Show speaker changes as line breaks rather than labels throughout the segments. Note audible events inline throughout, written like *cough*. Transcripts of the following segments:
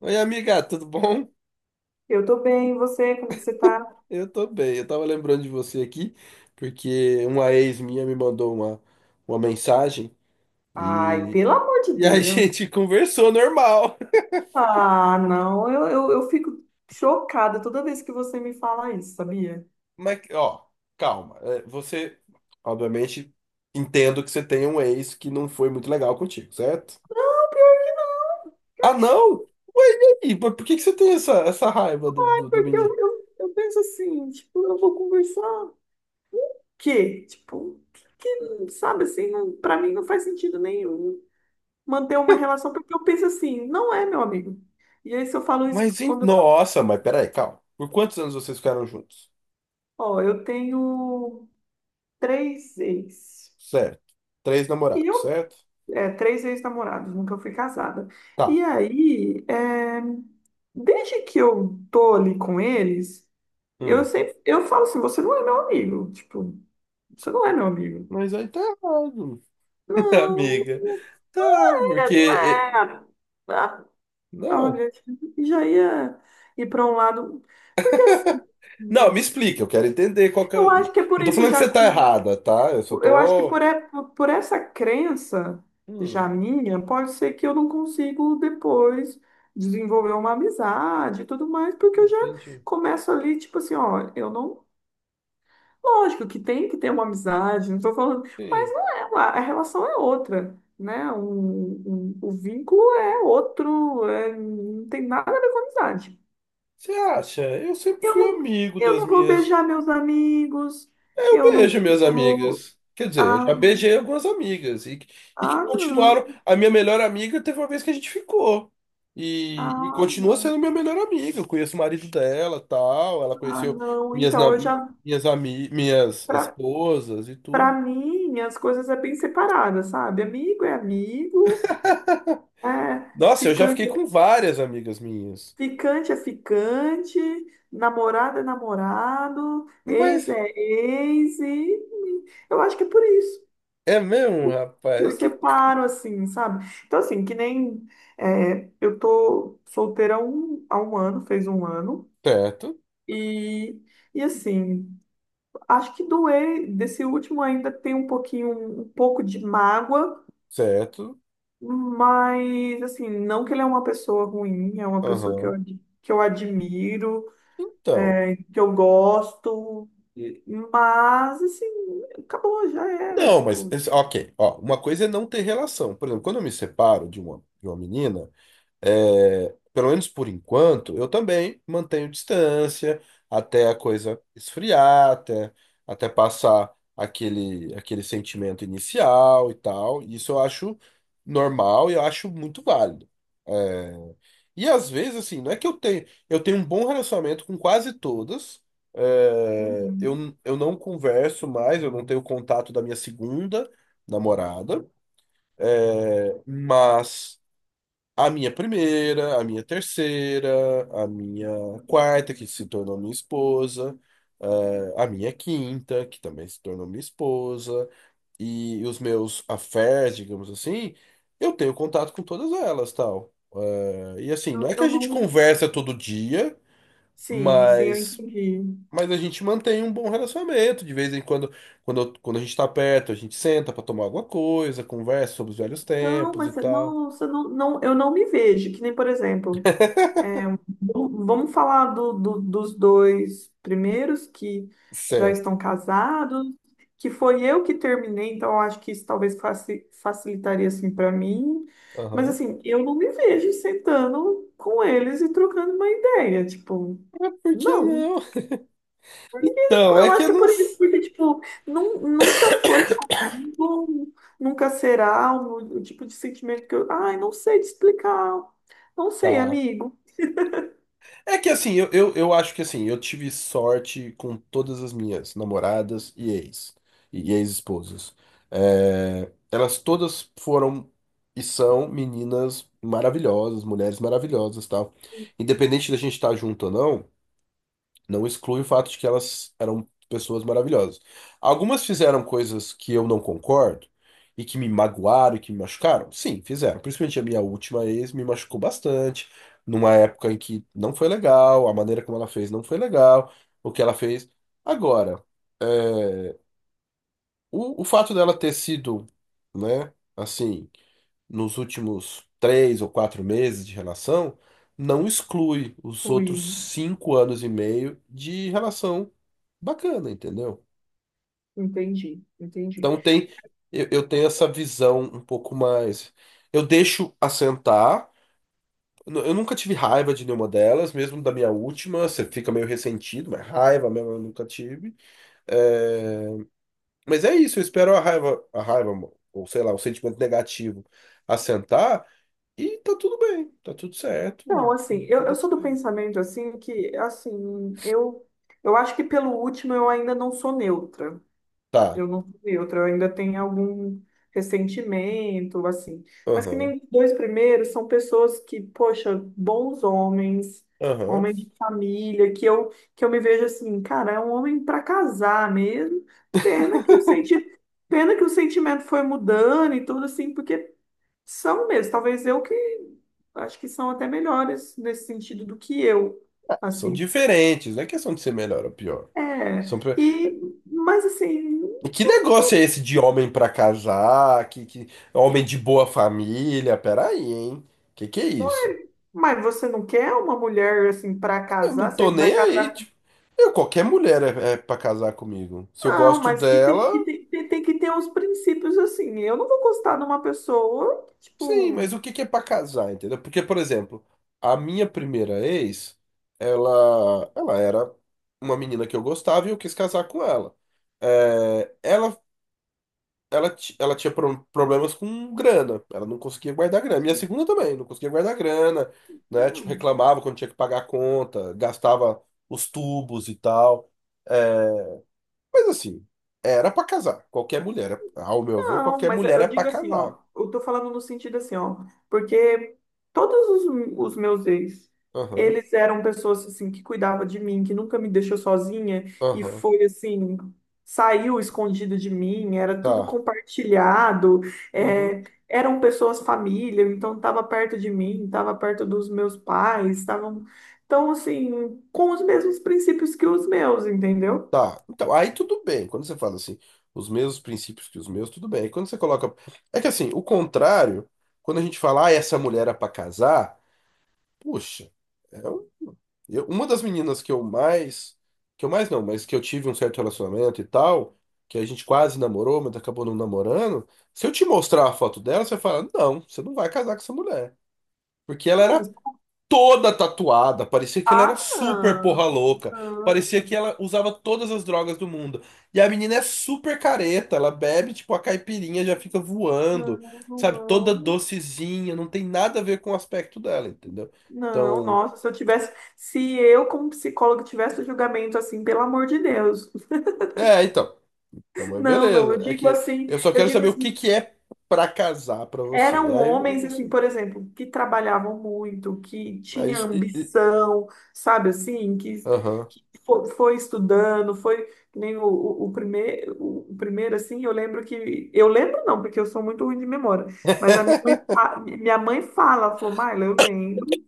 Oi, amiga, tudo bom?
Eu tô bem, e você? Como que você tá?
Eu tô bem. Eu tava lembrando de você aqui, porque uma ex minha me mandou uma mensagem
Ai,
e,
pelo amor de
e a *laughs*
Deus.
gente conversou normal.
Ah, não, eu fico chocada toda vez que você me fala isso, sabia?
Mas, ó, calma. Você, obviamente, entendo que você tem um ex que não foi muito legal contigo, certo? Ah, não? Ué, e aí? Por que que você tem essa raiva do,
É
do, do
porque eu,
menino?
eu, eu penso assim, tipo, eu vou conversar. Que Tipo, sabe assim, não, pra mim não faz sentido nenhum manter uma relação, porque eu penso assim, não é, meu amigo. E aí, se eu falo isso
Mas, hein?
quando eu.
Nossa, mas peraí, calma. Por quantos anos vocês ficaram juntos?
Ó, eu tenho três ex.
Certo. Três
e
namorados,
eu
certo?
Três ex-namorados, nunca fui casada. E
Tá.
aí, é, desde que eu tô ali com eles,
Hum.
eu falo assim, você não é meu amigo, tipo, você não é meu amigo.
Mas aí tá errado, *laughs*
Não,
amiga. Tá, porque,
é, não é. Ah,
não.
olha, já ia ir para um lado, porque assim,
*laughs* Não, me explica, eu quero entender qual que é.
eu acho que é por
Não tô
isso
falando que
já.
você tá errada, tá? Eu só
Eu acho que
tô.
por essa crença já
Hum,
minha, pode ser que eu não consigo depois desenvolver uma amizade e tudo mais, porque eu já
entendi.
começo ali, tipo assim, ó, eu não. Lógico que tem que ter uma amizade, não tô falando,
Sim.
mas não é, a relação é outra, né? O vínculo é outro, não tem nada a ver com amizade.
Você acha? Eu sempre
Eu
fui
não,
amigo
eu
das
não vou
minhas.
beijar meus amigos,
Eu
eu não
beijo minhas
vou.
amigas. Quer dizer, eu
Ah,
já beijei algumas amigas e que
ah,
continuaram.
não.
A minha melhor amiga teve uma vez que a gente ficou. E
Ah,
continua
não.
sendo minha melhor amiga. Eu conheço o marido dela, tal. Ela
Ah,
conheceu
não.
minhas, na-
Então, eu já,
minhas, ami, minhas
pra,
esposas e
pra
tudo.
mim, as coisas é bem separadas, sabe? Amigo é amigo, é,
Nossa, eu já fiquei
ficante, é-
com várias amigas minhas.
ficante é ficante, namorado é namorado, ex
Mas
é ex, e eu acho que é por isso.
é mesmo,
que
rapaz.
Eu
É que.
separo, assim, sabe? Então, assim, que nem é, eu tô solteira há um ano, fez um ano,
Certo,
e, e assim. Acho que desse último ainda tem um pouco de mágoa,
certo.
mas assim, não que ele é uma pessoa ruim, é uma pessoa que
Aham.
que eu admiro,
Então.
que eu gosto, e- mas assim, acabou, já era,
Não, mas,
tipo,
ok, ó, uma coisa é não ter relação. Por exemplo, quando eu me separo de uma menina, é, pelo menos por enquanto, eu também mantenho distância até a coisa esfriar, até passar aquele sentimento inicial e tal. Isso eu acho normal e eu acho muito válido. É, e às vezes, assim, não é que eu tenho. Eu tenho um bom relacionamento com quase todas. É,
uhum.
eu, eu não converso mais, eu não tenho contato da minha segunda namorada, mas. A minha primeira, a minha terceira, a minha quarta, que se tornou minha esposa, a minha quinta, que também se tornou minha esposa, e os meus affairs, digamos assim, eu tenho contato com todas elas, tal. E assim, não é que a
Eu
gente
não.
conversa todo dia,
Sim, sim, eu
mas,
entendi.
mas a gente mantém um bom relacionamento. De vez em quando, quando a gente tá perto, a gente senta pra tomar alguma coisa, conversa sobre os velhos
Não,
tempos e
mas
tal.
não, você não, não, eu não me vejo, que nem, por exemplo. É, bom, vamos falar dos dois primeiros que já
Certo.
estão casados, que foi eu que terminei, então eu acho que isso talvez facilitaria assim para mim. Mas
Aham.
assim, eu não me vejo sentando com eles e trocando uma ideia, tipo,
Mas por que
não.
não? Então, é
Eu
que
acho
eu
que é
não.
por isso, porque tipo, nunca foi comigo, nunca será o tipo de sentimento que eu, ai, não sei te explicar, não sei,
Tá.
amigo.
É que assim, eu acho que assim, eu tive sorte com todas as minhas namoradas e ex, e ex-esposas. Elas todas foram e são meninas maravilhosas, mulheres maravilhosas, tal. Independente da gente estar junto ou não, não exclui o fato de que elas eram pessoas maravilhosas. Algumas fizeram coisas que eu não concordo e que me magoaram e que me machucaram. Sim, fizeram. Principalmente a minha última ex me machucou bastante, numa época em que não foi legal, a maneira como ela fez não foi legal, o que ela fez. Agora, é, o fato dela ter sido, né, assim nos últimos 3 ou 4 meses de relação, não exclui os outros
Ui.
5 anos e meio de relação bacana, entendeu?
Entendi, entendi.
Então eu tenho essa visão um pouco mais. Eu deixo assentar. Eu nunca tive raiva de nenhuma delas, mesmo da minha última. Você fica meio ressentido, mas raiva mesmo eu nunca tive. eh, Mas é isso, eu espero a raiva, ou sei lá, o sentimento negativo assentar e tá tudo bem, tá tudo
Não,
certo.
assim, eu
Vida que
sou do
segue.
pensamento, assim, que, assim, eu acho que pelo último eu ainda não sou neutra.
Tá,
Eu não sou neutra, eu ainda tenho algum ressentimento, assim. Mas que
aham,
nem os dois primeiros são pessoas que, poxa, bons homens,
aham.
homem de família, que eu me vejo assim, cara, é um homem para casar mesmo. Pena que o
*laughs*
senti... Pena que o sentimento foi mudando e tudo assim, porque são mesmo, talvez eu que acho que são até melhores nesse sentido do que eu,
São
assim.
diferentes, não é questão de ser melhor ou pior. São...
É, e mas assim,
Que negócio é esse de homem pra casar, que homem de boa família? Peraí, hein? Que é isso?
mas você não quer uma mulher assim para
Eu não
casar,
tô
você vai
nem aí,
casar com...
tipo. Eu, qualquer mulher é pra casar comigo. Se eu
Não,
gosto
mas que
dela,
tem que ter uns princípios assim. Eu não vou gostar de uma pessoa,
sim,
tipo,
mas o que que é pra casar, entendeu? Porque, por exemplo, a minha primeira ex, ela era uma menina que eu gostava e eu quis casar com ela. É, ela, ela tinha problemas com grana, ela não conseguia guardar grana. Minha
sim.
segunda também, não conseguia guardar grana, né? Tipo,
Não.
reclamava quando tinha que pagar a conta, gastava os tubos e tal. É, mas assim, era pra casar. Qualquer mulher, ao meu ver,
Não,
qualquer
mas
mulher
eu
é pra
digo assim,
casar.
ó, eu tô falando no sentido assim, ó, porque todos os meus ex,
Aham,
eles eram pessoas assim que cuidavam de mim, que nunca me deixou sozinha e
aham,
foi assim, saiu escondido de mim, era tudo
tá.
compartilhado,
Uhum.
é, eram pessoas família, então tava perto de mim, tava perto dos meus pais, estavam, então assim, com os mesmos princípios que os meus, entendeu?
Tá, então, aí tudo bem. Quando você fala assim, os mesmos princípios que os meus, tudo bem. Aí quando você coloca. É que assim, o contrário, quando a gente fala, ah, essa mulher é pra casar, puxa, é um- uma das meninas que eu mais. Que eu mais não, mas que eu tive um certo relacionamento e tal, que a gente quase namorou, mas acabou não namorando. Se eu te mostrar a foto dela, você fala, não, você não vai casar com essa mulher. Porque ela
Não,
era
mas
toda tatuada. Parecia que ela era
ah,
super porra
não,
louca. Parecia que
não.
ela usava todas as drogas do mundo. E a menina é super careta. Ela bebe, tipo, a caipirinha já fica voando.
Não,
Sabe? Toda
não,
docezinha. Não tem nada a ver com o aspecto dela, entendeu?
não,
Então.
nossa, se eu como psicóloga tivesse julgamento assim, pelo amor de Deus.
Então. Então, mas
Não, não,
beleza. É que eu só
eu
quero
digo
saber o que
assim,
que é pra casar pra você.
eram
Aí
homens assim,
você.
por exemplo, que trabalhavam muito, que
Aí.
tinha ambição, sabe assim,
Aham.
foi, estudando, foi que nem o, o primeiro assim, eu lembro não, porque eu sou muito ruim de memória, mas a minha mãe, fa- minha mãe fala, ela falou, Maila, eu lembro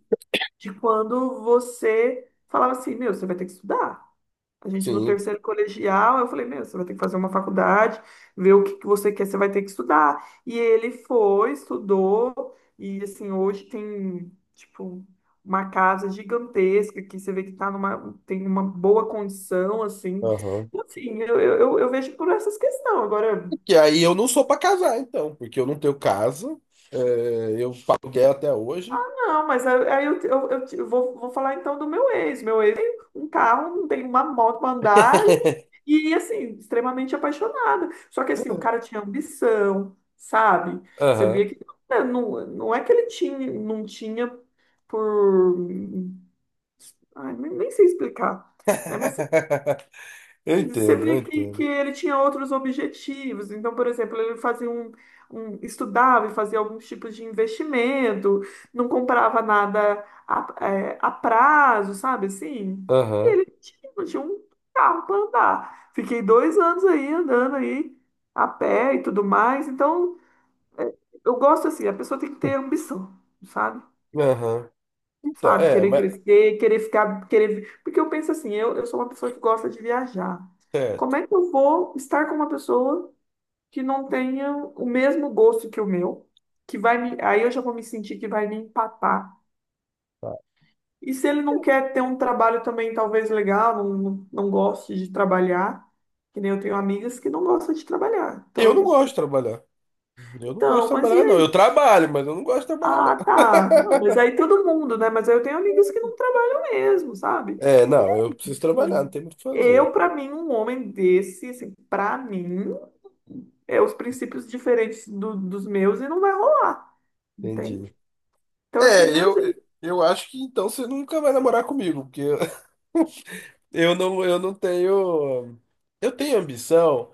de quando você falava assim, meu, você vai ter que estudar. A gente no
Sim.
terceiro colegial, eu falei, meu, você vai ter que fazer uma faculdade, ver o que que você quer, você vai ter que estudar. E ele foi, estudou, e assim, hoje tem, tipo, uma casa gigantesca que você vê que tá numa, tem uma boa condição, assim.
Aham.
Enfim, eu vejo por essas questões. Agora,
Que aí eu não sou pra casar, então, porque eu não tenho casa, é, eu pago aluguel até hoje.
não, mas aí eu te- eu vou, vou falar então do meu ex. Meu ex tem um carro, não tem uma moto para andar
*laughs*
e, assim, extremamente apaixonada. Só que, assim, o cara tinha ambição, sabe? Você
Aham.
via que né, não, não é que ele tinha, não tinha por. Ai, nem sei explicar, né? Mas
Eu
você
entendo, eu
vê que
entendo.
ele tinha outros objetivos. Então, por exemplo, ele fazia estudava e fazia alguns tipos de investimento, não comprava nada a prazo, sabe assim? E
Aham.
ele tinha um carro para andar. Fiquei 2 anos aí andando aí a pé e tudo mais. Então, é, eu gosto assim, a pessoa tem que ter ambição, sabe?
Aham. Então, é,
Querer
mas.
crescer, querer ficar, querer. Porque eu penso assim, eu sou uma pessoa que gosta de viajar. Como
Certo.
é que eu vou estar com uma pessoa que não tenha o mesmo gosto que o meu? Que vai me... Aí eu já vou me sentir que vai me empatar.
Tá.
E se ele não quer ter um trabalho também, talvez legal, não goste de trabalhar, que nem eu tenho amigas que não gostam de trabalhar. Então
Eu
eu
não
penso
gosto de
assim,
trabalhar. Eu não gosto de
então, mas e
trabalhar, não. Eu
aí?
trabalho, mas eu não gosto de trabalhar, não.
Ah, tá. Não, mas aí todo mundo, né? Mas aí eu tenho amigas que não trabalham mesmo, sabe?
É, não, eu preciso trabalhar, não
Sim.
tem muito o que fazer.
Eu, pra mim, um homem desse, assim, para mim, é os princípios diferentes dos meus e não vai rolar,
Entendi.
entende? Então, assim,
É,
meus
eu, eu acho que então você nunca vai namorar comigo, porque eu *laughs* eu não tenho. Eu tenho ambição.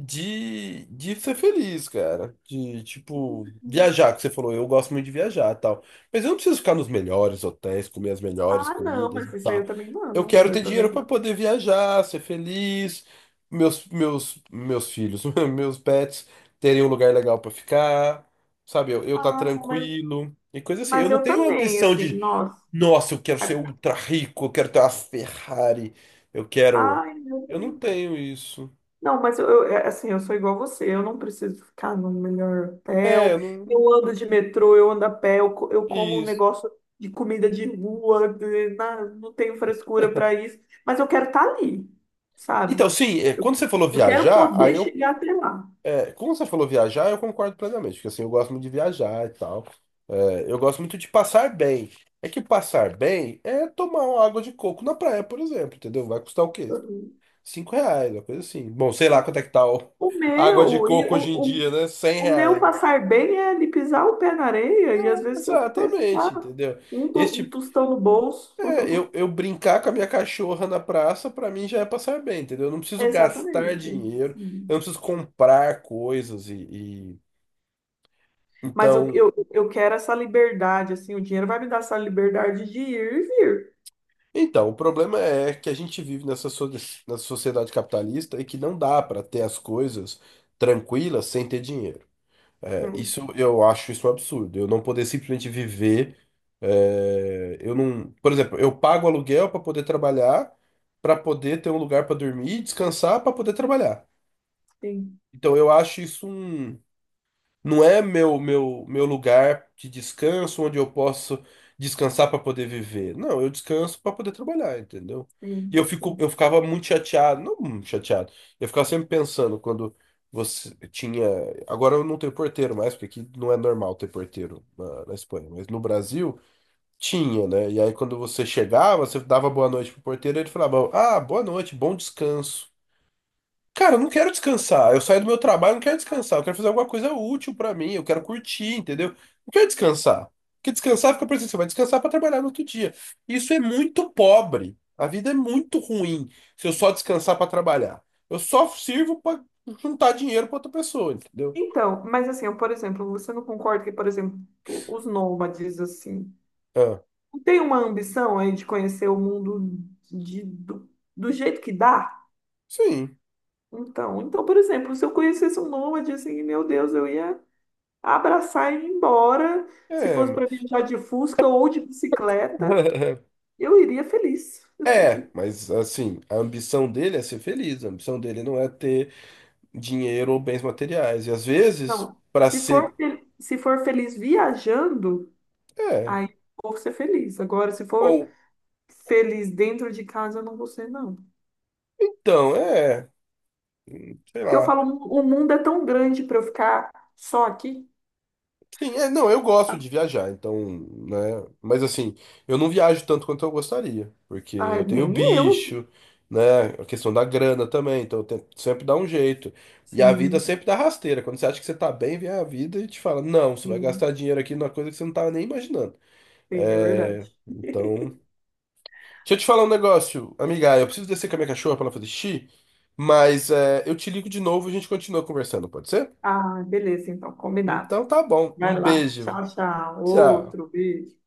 De ser feliz, cara. De, tipo, viajar, que você falou, eu gosto muito de viajar e tal. Mas eu não preciso ficar nos melhores hotéis, comer as melhores
ah, não,
comidas e
mas isso aí eu
tal.
também
Eu
não,
quero
eu
ter
também
dinheiro para
não.
poder viajar, ser feliz, meus filhos, *laughs* meus pets terem um lugar legal para ficar, sabe? Eu tá
Ah, não,
tranquilo e coisa assim. Eu
mas
não
eu
tenho
também,
ambição
assim,
de,
nossa.
nossa, eu quero ser ultra rico, eu quero ter uma Ferrari, eu quero.
Ai, eu
Eu não
também
tenho isso.
não, mas é, assim, eu sou igual a você, eu não preciso ficar no melhor
É,
hotel,
eu não.
eu ando de metrô, eu ando a pé, eu como um
Isso.
negócio de comida de rua, não tenho frescura para isso, mas eu quero estar ali, sabe?
Então, sim, quando você falou
Eu quero
viajar, aí
poder
eu.
chegar até lá.
Quando você falou viajar, eu concordo plenamente, porque assim, eu gosto muito de viajar e tal. Eu gosto muito de passar bem. É que passar bem é tomar uma água de coco na praia, por exemplo, entendeu? Vai custar o quê?
Uhum.
R$ 5, uma coisa assim. Bom, sei lá quanto é que tá
O
*laughs* a água de
meu, e
coco hoje em
o,
dia, né? Cem
O meu
reais.
passar bem é ali pisar o pé na areia e às vezes eu ter, sei
Exatamente,
lá,
entendeu?
um
Este
tostão no bolso.
É,
*laughs*
Eu, eu brincar com a minha cachorra na praça, pra mim já é passar bem, entendeu? Eu não preciso gastar
Exatamente.
dinheiro, eu não preciso comprar coisas e, e-
Mas
Então,
eu quero essa liberdade, assim, o dinheiro vai me dar essa liberdade de ir e vir.
o problema é que a gente vive nessa, nessa sociedade capitalista e que não dá pra ter as coisas tranquilas sem ter dinheiro.
Hum,
Isso eu acho isso um absurdo. Eu não poder simplesmente viver. Eu não, por exemplo, eu pago aluguel pra poder trabalhar, pra poder ter um lugar pra dormir, descansar, pra poder trabalhar.
sim,
Então eu acho isso um não é meu meu lugar de descanso onde eu posso descansar para poder viver. Não, eu descanso para poder trabalhar, entendeu? E
sim, sim.
eu ficava muito chateado, não muito chateado. Eu ficava sempre pensando quando você tinha, agora eu não tenho porteiro mais, porque aqui não é normal ter porteiro na Espanha, mas no Brasil tinha, né? E aí quando você chegava, você dava boa noite pro porteiro, ele falava: "Ah, boa noite, bom descanso". Cara, eu não quero descansar. Eu saio do meu trabalho, eu não quero descansar. Eu quero fazer alguma coisa útil pra mim. Eu quero curtir, entendeu? Não quero descansar. Porque descansar fica pensando, você vai descansar pra trabalhar no outro dia. Isso é muito pobre. A vida é muito ruim se eu só descansar pra trabalhar. Eu só sirvo pra juntar dinheiro pra outra pessoa, entendeu?
Então, mas assim, eu, por exemplo, você não concorda que, por exemplo, os nômades, assim,
Ah,
não tem uma ambição aí de conhecer o mundo de, do, do jeito que dá?
sim.
Então, então, por exemplo, se eu conhecesse um nômade, assim, meu Deus, eu ia abraçar e ir embora. Se
É,
fosse
ma-
para viajar de Fusca ou de bicicleta,
*laughs*
eu iria feliz.
mas assim, a ambição dele é ser feliz. A ambição dele não é ter dinheiro ou bens materiais. E às vezes,
Não,
pra ser,
se for feliz viajando,
é.
aí eu vou ser feliz. Agora, se
Ou
for feliz dentro de casa, eu não vou ser, não.
Então, é, sei
Porque eu
lá.
falo, o mundo é tão grande para eu ficar só aqui.
Sim, não, eu gosto
Ah,
de viajar, então, né? Mas assim, eu não viajo tanto quanto eu gostaria, porque
ah,
eu tenho
nem eu.
bicho, né? A questão da grana também, então eu tento sempre dar um jeito. E a vida
Sim,
sempre dá rasteira. Quando você acha que você tá bem, vem a vida e te fala, não, você vai
sim,
gastar dinheiro aqui numa coisa que você não tava nem imaginando.
sim, é verdade.
É, então. Deixa eu te falar um negócio, amiga, eu preciso descer com a minha cachorra pra ela fazer xixi, mas eu te ligo de novo e a gente continua conversando, pode ser?
Ah, beleza, então, combinado.
Então tá bom. Um
Vai lá.
beijo.
Tchau, tchau.
Tchau.
Outro beijo.